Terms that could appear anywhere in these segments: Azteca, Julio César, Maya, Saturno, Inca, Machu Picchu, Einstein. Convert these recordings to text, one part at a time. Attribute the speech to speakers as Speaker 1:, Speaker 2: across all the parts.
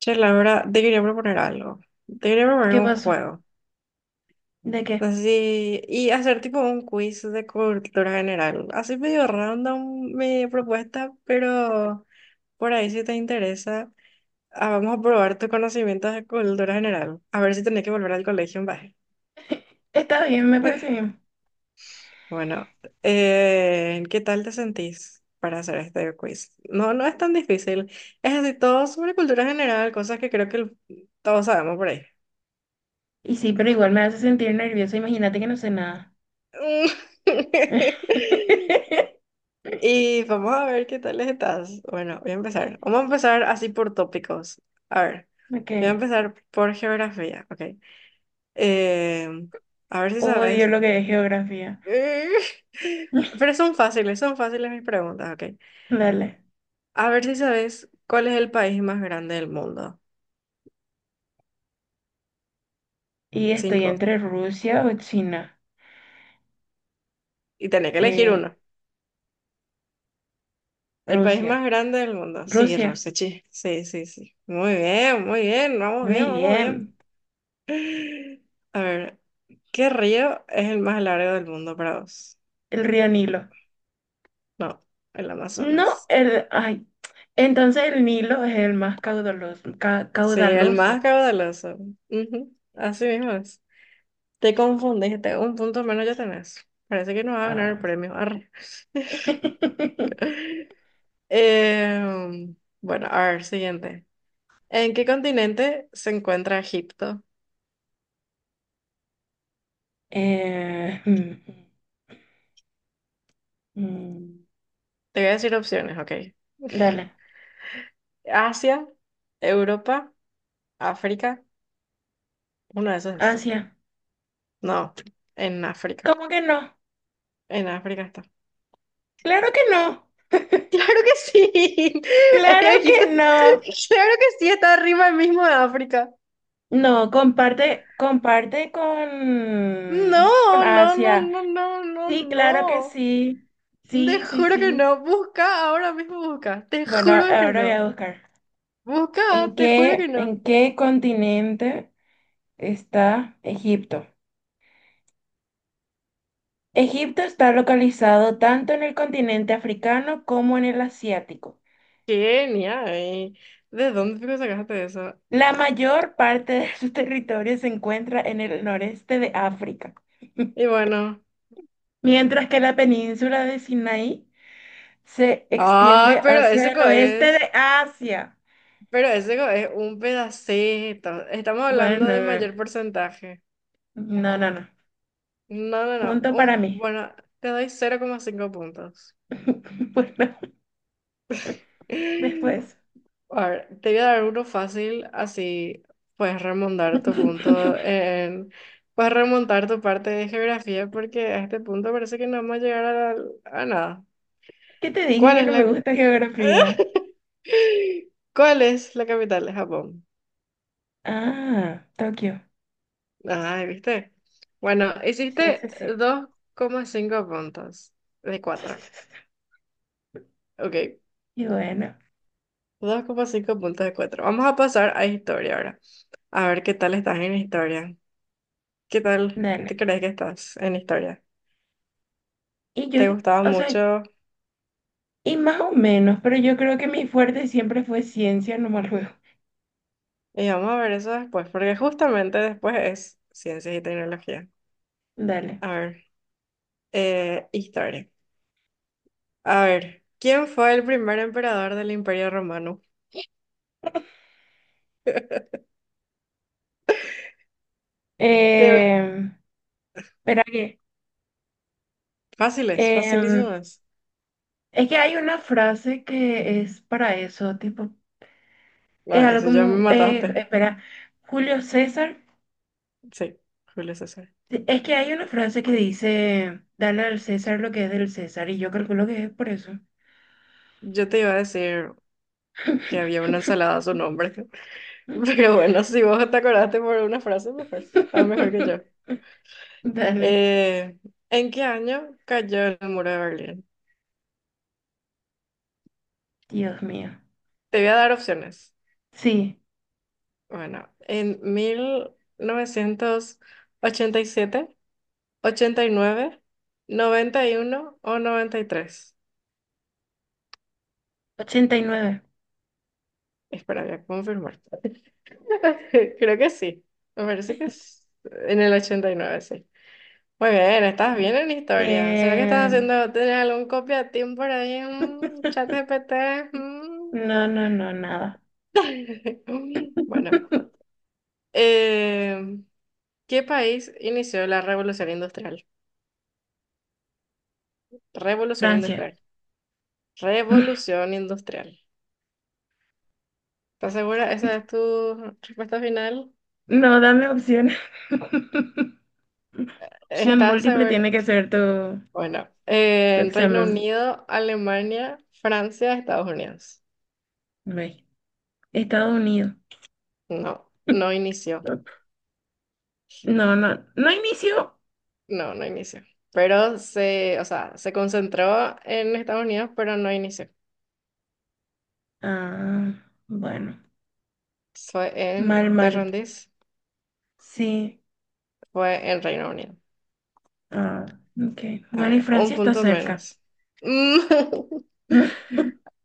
Speaker 1: Che, Laura, te quería proponer algo. Te quería proponer
Speaker 2: ¿Qué
Speaker 1: un
Speaker 2: pasó?
Speaker 1: juego.
Speaker 2: ¿De qué?
Speaker 1: Así, y hacer tipo un quiz de cultura general. Así medio random mi propuesta, pero por ahí si te interesa, vamos a probar tus conocimientos de cultura general. A ver si tenés que volver al colegio en baje.
Speaker 2: Está bien, me parece bien.
Speaker 1: Bueno, ¿qué tal te sentís para hacer este quiz? No, no es tan difícil. Es así, todo sobre cultura general, cosas que creo que todos sabemos por ahí.
Speaker 2: Y sí, pero igual me hace sentir nerviosa. Imagínate que no sé nada.
Speaker 1: Y vamos a ver qué tal estás. Bueno, voy a empezar. Vamos a empezar así por tópicos. A ver, voy a
Speaker 2: Ok.
Speaker 1: empezar por geografía, ok. Eh, a ver si
Speaker 2: Odio
Speaker 1: sabes.
Speaker 2: lo que es geografía.
Speaker 1: Eh, Pero son fáciles mis preguntas, ok.
Speaker 2: Dale.
Speaker 1: A ver si sabes cuál es el país más grande del mundo.
Speaker 2: Y estoy
Speaker 1: Cinco.
Speaker 2: entre Rusia o China.
Speaker 1: Y tenés que elegir
Speaker 2: Eh,
Speaker 1: uno. El país
Speaker 2: Rusia.
Speaker 1: más grande del mundo. Sí,
Speaker 2: Rusia.
Speaker 1: Rosechi. Sí, sí, sí. Muy bien, muy bien. Vamos
Speaker 2: Muy
Speaker 1: bien, vamos
Speaker 2: bien.
Speaker 1: bien. A ver, ¿qué río es el más largo del mundo para vos?
Speaker 2: El río Nilo.
Speaker 1: No, el
Speaker 2: No,
Speaker 1: Amazonas.
Speaker 2: ay. Entonces el Nilo es el más caudaloso.
Speaker 1: Sí, el más
Speaker 2: Caudaloso.
Speaker 1: caudaloso. Ujú, así mismo es. Te confundiste, un punto menos ya tenés. Parece que no va a ganar el
Speaker 2: Ah.
Speaker 1: premio. Arre. Em, bueno, a ver, siguiente. ¿En qué continente se encuentra Egipto?
Speaker 2: Eh, mm, mm, mm.
Speaker 1: Te voy a decir opciones, ok.
Speaker 2: Dale.
Speaker 1: Asia, Europa, África. Uno de esos es.
Speaker 2: Asia.
Speaker 1: No, en África.
Speaker 2: ¿Cómo que no?
Speaker 1: En África está.
Speaker 2: Claro que no.
Speaker 1: Claro que sí.
Speaker 2: Claro que
Speaker 1: Dijiste,
Speaker 2: no.
Speaker 1: claro que sí, está arriba mismo de África.
Speaker 2: No, comparte
Speaker 1: No,
Speaker 2: con
Speaker 1: no, no,
Speaker 2: Asia.
Speaker 1: no, no, no,
Speaker 2: Sí, claro que
Speaker 1: no.
Speaker 2: sí.
Speaker 1: Te
Speaker 2: Sí, sí,
Speaker 1: juro que
Speaker 2: sí.
Speaker 1: no. Busca, ahora mismo busca. Te
Speaker 2: Bueno,
Speaker 1: juro que
Speaker 2: ahora voy
Speaker 1: no.
Speaker 2: a buscar.
Speaker 1: Busca,
Speaker 2: ¿En
Speaker 1: te juro que
Speaker 2: qué, en
Speaker 1: no.
Speaker 2: qué continente está Egipto? Egipto está localizado tanto en el continente africano como en el asiático.
Speaker 1: Kenia, ¿de dónde fijo sacaste eso?
Speaker 2: La mayor parte de su territorio se encuentra en el noreste de África.
Speaker 1: Y bueno.
Speaker 2: Mientras que la península de Sinaí se
Speaker 1: Ay,
Speaker 2: extiende
Speaker 1: pero ese
Speaker 2: hacia el
Speaker 1: co
Speaker 2: oeste
Speaker 1: es.
Speaker 2: de Asia.
Speaker 1: Pero ese co es un pedacito. Estamos hablando de
Speaker 2: Bueno,
Speaker 1: mayor porcentaje.
Speaker 2: no, no, no.
Speaker 1: No, no, no.
Speaker 2: Punto para mí.
Speaker 1: Bueno, te doy 0,5 puntos.
Speaker 2: Bueno, después.
Speaker 1: A ver, te voy a dar uno fácil, así puedes remontar tu punto en, puedes remontar tu parte de geografía porque a este punto parece que no vamos a llegar a nada.
Speaker 2: ¿Qué te dije
Speaker 1: ¿Cuál
Speaker 2: que
Speaker 1: es
Speaker 2: no me
Speaker 1: la,
Speaker 2: gusta geografía?
Speaker 1: ¿cuál es la capital de Japón?
Speaker 2: Ah, Tokio.
Speaker 1: Ay, ¿viste? Bueno,
Speaker 2: Sí, sí,
Speaker 1: hiciste
Speaker 2: sí.
Speaker 1: 2,5 puntos de 4. Ok,
Speaker 2: Y bueno,
Speaker 1: 2,5 puntos de cuatro. Vamos a pasar a historia ahora. A ver qué tal estás en historia. ¿Qué tal te
Speaker 2: dale.
Speaker 1: crees que estás en historia?
Speaker 2: Y yo,
Speaker 1: Te gustaba
Speaker 2: o sea,
Speaker 1: mucho.
Speaker 2: y más o menos, pero yo creo que mi fuerte siempre fue ciencia, no más luego.
Speaker 1: Y vamos a ver eso después, porque justamente después es ciencias y tecnología.
Speaker 2: Dale.
Speaker 1: A ver, historia. A ver, ¿quién fue el primer emperador del Imperio Romano? Te ve-
Speaker 2: Eh, Espera que.
Speaker 1: Fáciles,
Speaker 2: em,
Speaker 1: facilísimas.
Speaker 2: Es que hay una frase que es para eso, tipo, es
Speaker 1: Ay,
Speaker 2: algo
Speaker 1: eso ya me
Speaker 2: como,
Speaker 1: mataste.
Speaker 2: espera, Julio César,
Speaker 1: Sí, Julio César.
Speaker 2: es que hay una frase que dice: dale al César lo que es del César, y yo calculo que es por eso.
Speaker 1: Yo te iba a decir que había una ensalada a su nombre, pero bueno, si vos te acordaste por una frase, mejor, estás mejor que yo.
Speaker 2: Dale.
Speaker 1: Eh, ¿En qué año cayó el muro de Berlín?
Speaker 2: Dios mío.
Speaker 1: Te voy a dar opciones.
Speaker 2: Sí,
Speaker 1: Bueno, en mil novecientos ochenta y siete, ochenta y nueve, noventa y uno o 93.
Speaker 2: ochenta y nueve.
Speaker 1: Espera, voy a confirmar. Creo que sí. Me parece que es en el 89, sí. Muy bien, estás
Speaker 2: Bien.
Speaker 1: bien en historia. ¿Será que estás
Speaker 2: Bien.
Speaker 1: haciendo, tienes algún copia-team por ahí en chat GPT?
Speaker 2: No, no, no, nada.
Speaker 1: Bueno, eh, ¿qué país inició la revolución industrial? Revolución
Speaker 2: Francia.
Speaker 1: industrial. Revolución industrial. ¿Estás segura? ¿Esa es tu respuesta final?
Speaker 2: No, dame opciones. Opción
Speaker 1: ¿Estás
Speaker 2: múltiple
Speaker 1: segura?
Speaker 2: tiene que ser tu
Speaker 1: Bueno,
Speaker 2: tu
Speaker 1: en Reino
Speaker 2: examen.
Speaker 1: Unido, Alemania, Francia, Estados Unidos.
Speaker 2: Ve. Estados Unidos.
Speaker 1: No, no inició.
Speaker 2: No, no, no inició.
Speaker 1: No, no inició. Pero se, o sea, se concentró en Estados Unidos, pero no inició.
Speaker 2: Ah, bueno.
Speaker 1: Fue en,
Speaker 2: Mal,
Speaker 1: ¿te
Speaker 2: mal.
Speaker 1: rendís?
Speaker 2: Sí.
Speaker 1: Fue en Reino Unido.
Speaker 2: Ah, ok.
Speaker 1: A
Speaker 2: Bueno, y
Speaker 1: ver,
Speaker 2: Francia
Speaker 1: un
Speaker 2: está
Speaker 1: punto
Speaker 2: cerca.
Speaker 1: menos. Mm.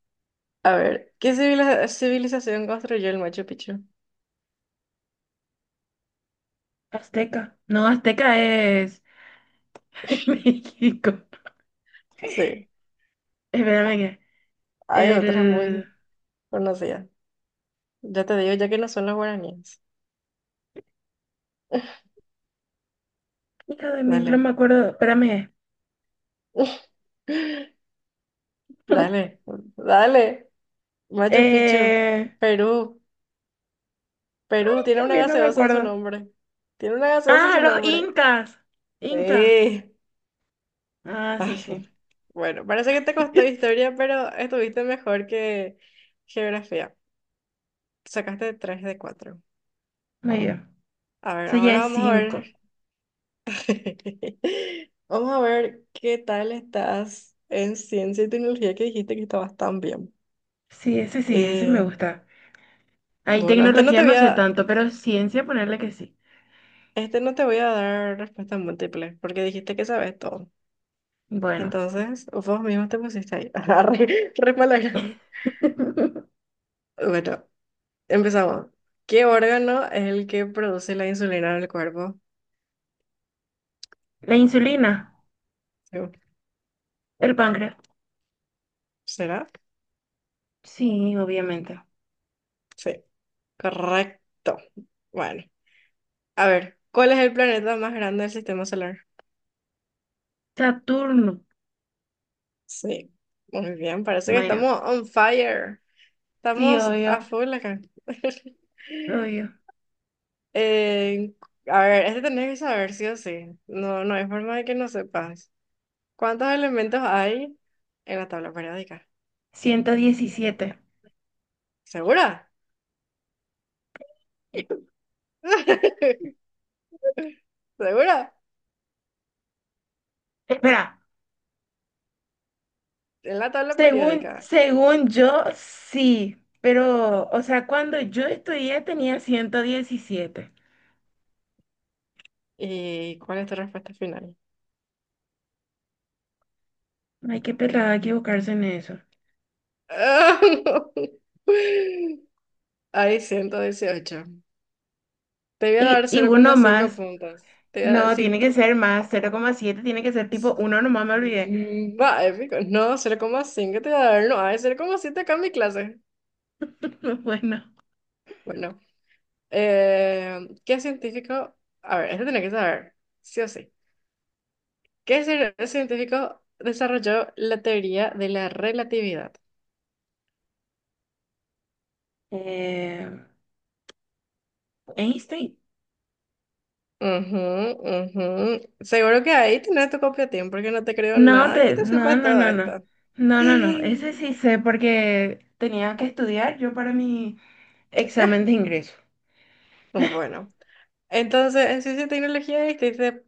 Speaker 1: A ver, ¿qué civilización construyó el Machu Picchu?
Speaker 2: Azteca. No, Azteca es México.
Speaker 1: Sí.
Speaker 2: Espérame que.
Speaker 1: Hay otras
Speaker 2: El.
Speaker 1: muy conocidas. Ya te digo, ya que no son los guaraníes.
Speaker 2: Hijo de mí, no
Speaker 1: Dale.
Speaker 2: me acuerdo. Espérame.
Speaker 1: Dale, dale. Machu Picchu,
Speaker 2: Eh.
Speaker 1: Perú. Perú tiene
Speaker 2: Dios
Speaker 1: una
Speaker 2: mío, no me
Speaker 1: gaseosa en su
Speaker 2: acuerdo.
Speaker 1: nombre. Tiene una gaseosa en
Speaker 2: Ah,
Speaker 1: su
Speaker 2: los
Speaker 1: nombre.
Speaker 2: incas. Inca.
Speaker 1: Sí.
Speaker 2: Ah, sí,
Speaker 1: Ay,
Speaker 2: sí.
Speaker 1: bueno, bueno, parece que te costó historia, pero estuviste mejor que geografía. Sacaste 3 de 4.
Speaker 2: Muy bien.
Speaker 1: A ver,
Speaker 2: Eso ya
Speaker 1: ahora
Speaker 2: es
Speaker 1: vamos a
Speaker 2: cinco.
Speaker 1: ver. Vamos a ver qué tal estás en ciencia y tecnología que dijiste que estabas tan bien.
Speaker 2: Sí, ese me
Speaker 1: Eh,
Speaker 2: gusta. Ahí
Speaker 1: bueno, este no
Speaker 2: tecnología
Speaker 1: te voy
Speaker 2: no sé
Speaker 1: a,
Speaker 2: tanto, pero ciencia ponerle que sí.
Speaker 1: este no te voy a dar respuesta múltiple porque dijiste que sabes todo.
Speaker 2: Bueno,
Speaker 1: Entonces, vos mismo te pusiste ahí. Re, re palabra. Bueno, empezamos. ¿Qué órgano es el que produce la insulina en el cuerpo?
Speaker 2: la insulina,
Speaker 1: Sí.
Speaker 2: el páncreas.
Speaker 1: ¿Será?
Speaker 2: Sí, obviamente.
Speaker 1: Sí, correcto. Bueno, a ver, ¿cuál es el planeta más grande del sistema solar?
Speaker 2: Saturno.
Speaker 1: Sí, muy bien, parece que
Speaker 2: Maya.
Speaker 1: estamos on fire.
Speaker 2: Sí,
Speaker 1: Estamos a
Speaker 2: obvio,
Speaker 1: full acá.
Speaker 2: obvio.
Speaker 1: Eh, a ver, este tenés que saber sí o sí. No, no hay forma de que no sepas. ¿Cuántos elementos hay en la tabla periódica?
Speaker 2: 117.
Speaker 1: ¿Segura? ¿Segura?
Speaker 2: Espera,
Speaker 1: En la tabla
Speaker 2: según,
Speaker 1: periódica.
Speaker 2: según yo, sí, pero, o sea, cuando yo estudié tenía 117.
Speaker 1: ¿Y cuál es tu respuesta final?
Speaker 2: Ay, qué pelada equivocarse en eso.
Speaker 1: Ah, no. Hay 118. Te voy a
Speaker 2: Y,
Speaker 1: dar
Speaker 2: y
Speaker 1: cero
Speaker 2: uno
Speaker 1: coma cinco
Speaker 2: más.
Speaker 1: puntos.
Speaker 2: No,
Speaker 1: Sí,
Speaker 2: tiene que ser
Speaker 1: justamente.
Speaker 2: más, cero coma siete tiene que ser tipo 1, nomás me olvidé.
Speaker 1: Va, épico. No, 0,5 te da a ver, no, hay 0,7 acá en mi clase.
Speaker 2: Bueno,
Speaker 1: Bueno, ¿qué científico? A ver, este tiene que saber, sí o sí. ¿Qué científico desarrolló la teoría de la relatividad?
Speaker 2: eh, Einstein.
Speaker 1: Ujú, ujú. Seguro que ahí tienes tu copia, Tim, porque no te creo
Speaker 2: No,
Speaker 1: nada que te
Speaker 2: no,
Speaker 1: sepas
Speaker 2: no,
Speaker 1: todo
Speaker 2: no, no.
Speaker 1: esto.
Speaker 2: No, no, no. Ese sí sé porque tenía que estudiar yo para mi examen de ingreso.
Speaker 1: Bueno, entonces en ciencia y tecnología hiciste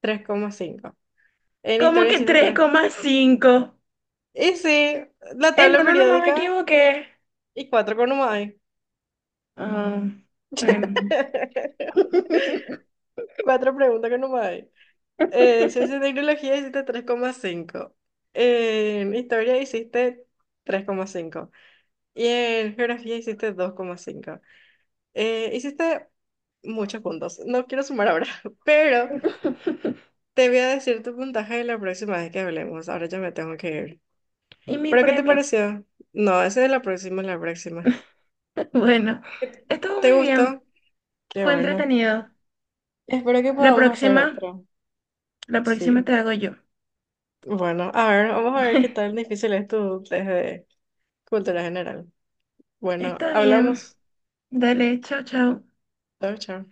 Speaker 1: 3,5. En
Speaker 2: ¿Cómo
Speaker 1: historia
Speaker 2: que
Speaker 1: hiciste.
Speaker 2: 3,5?
Speaker 1: Y sí, la tabla
Speaker 2: No, no, no me
Speaker 1: periódica
Speaker 2: equivoqué.
Speaker 1: y cuatro que no más hay.
Speaker 2: Ah, bueno.
Speaker 1: Cuatro preguntas que no más hay. Ciencia y tecnología hiciste tres coma cinco. En historia hiciste 3,5. Y en geografía hiciste 2,5. Hiciste muchos puntos. No quiero sumar ahora, pero te voy a decir tu puntaje la próxima vez que hablemos. Ahora ya me tengo que ir.
Speaker 2: ¿Y mi
Speaker 1: ¿Pero qué te
Speaker 2: premio?
Speaker 1: pareció? No, esa es la próxima, la próxima.
Speaker 2: Bueno, estuvo
Speaker 1: ¿Te
Speaker 2: muy bien.
Speaker 1: gustó? Qué
Speaker 2: Fue
Speaker 1: bueno.
Speaker 2: entretenido.
Speaker 1: Espero que
Speaker 2: La
Speaker 1: podamos hacer
Speaker 2: próxima,
Speaker 1: otra.
Speaker 2: la próxima
Speaker 1: Sí.
Speaker 2: te hago yo.
Speaker 1: Bueno, a ver, vamos a ver qué tan difícil es tu test de cultura general. Bueno,
Speaker 2: Está bien.
Speaker 1: hablamos.
Speaker 2: Dale, chao, chao.
Speaker 1: Chao, chao.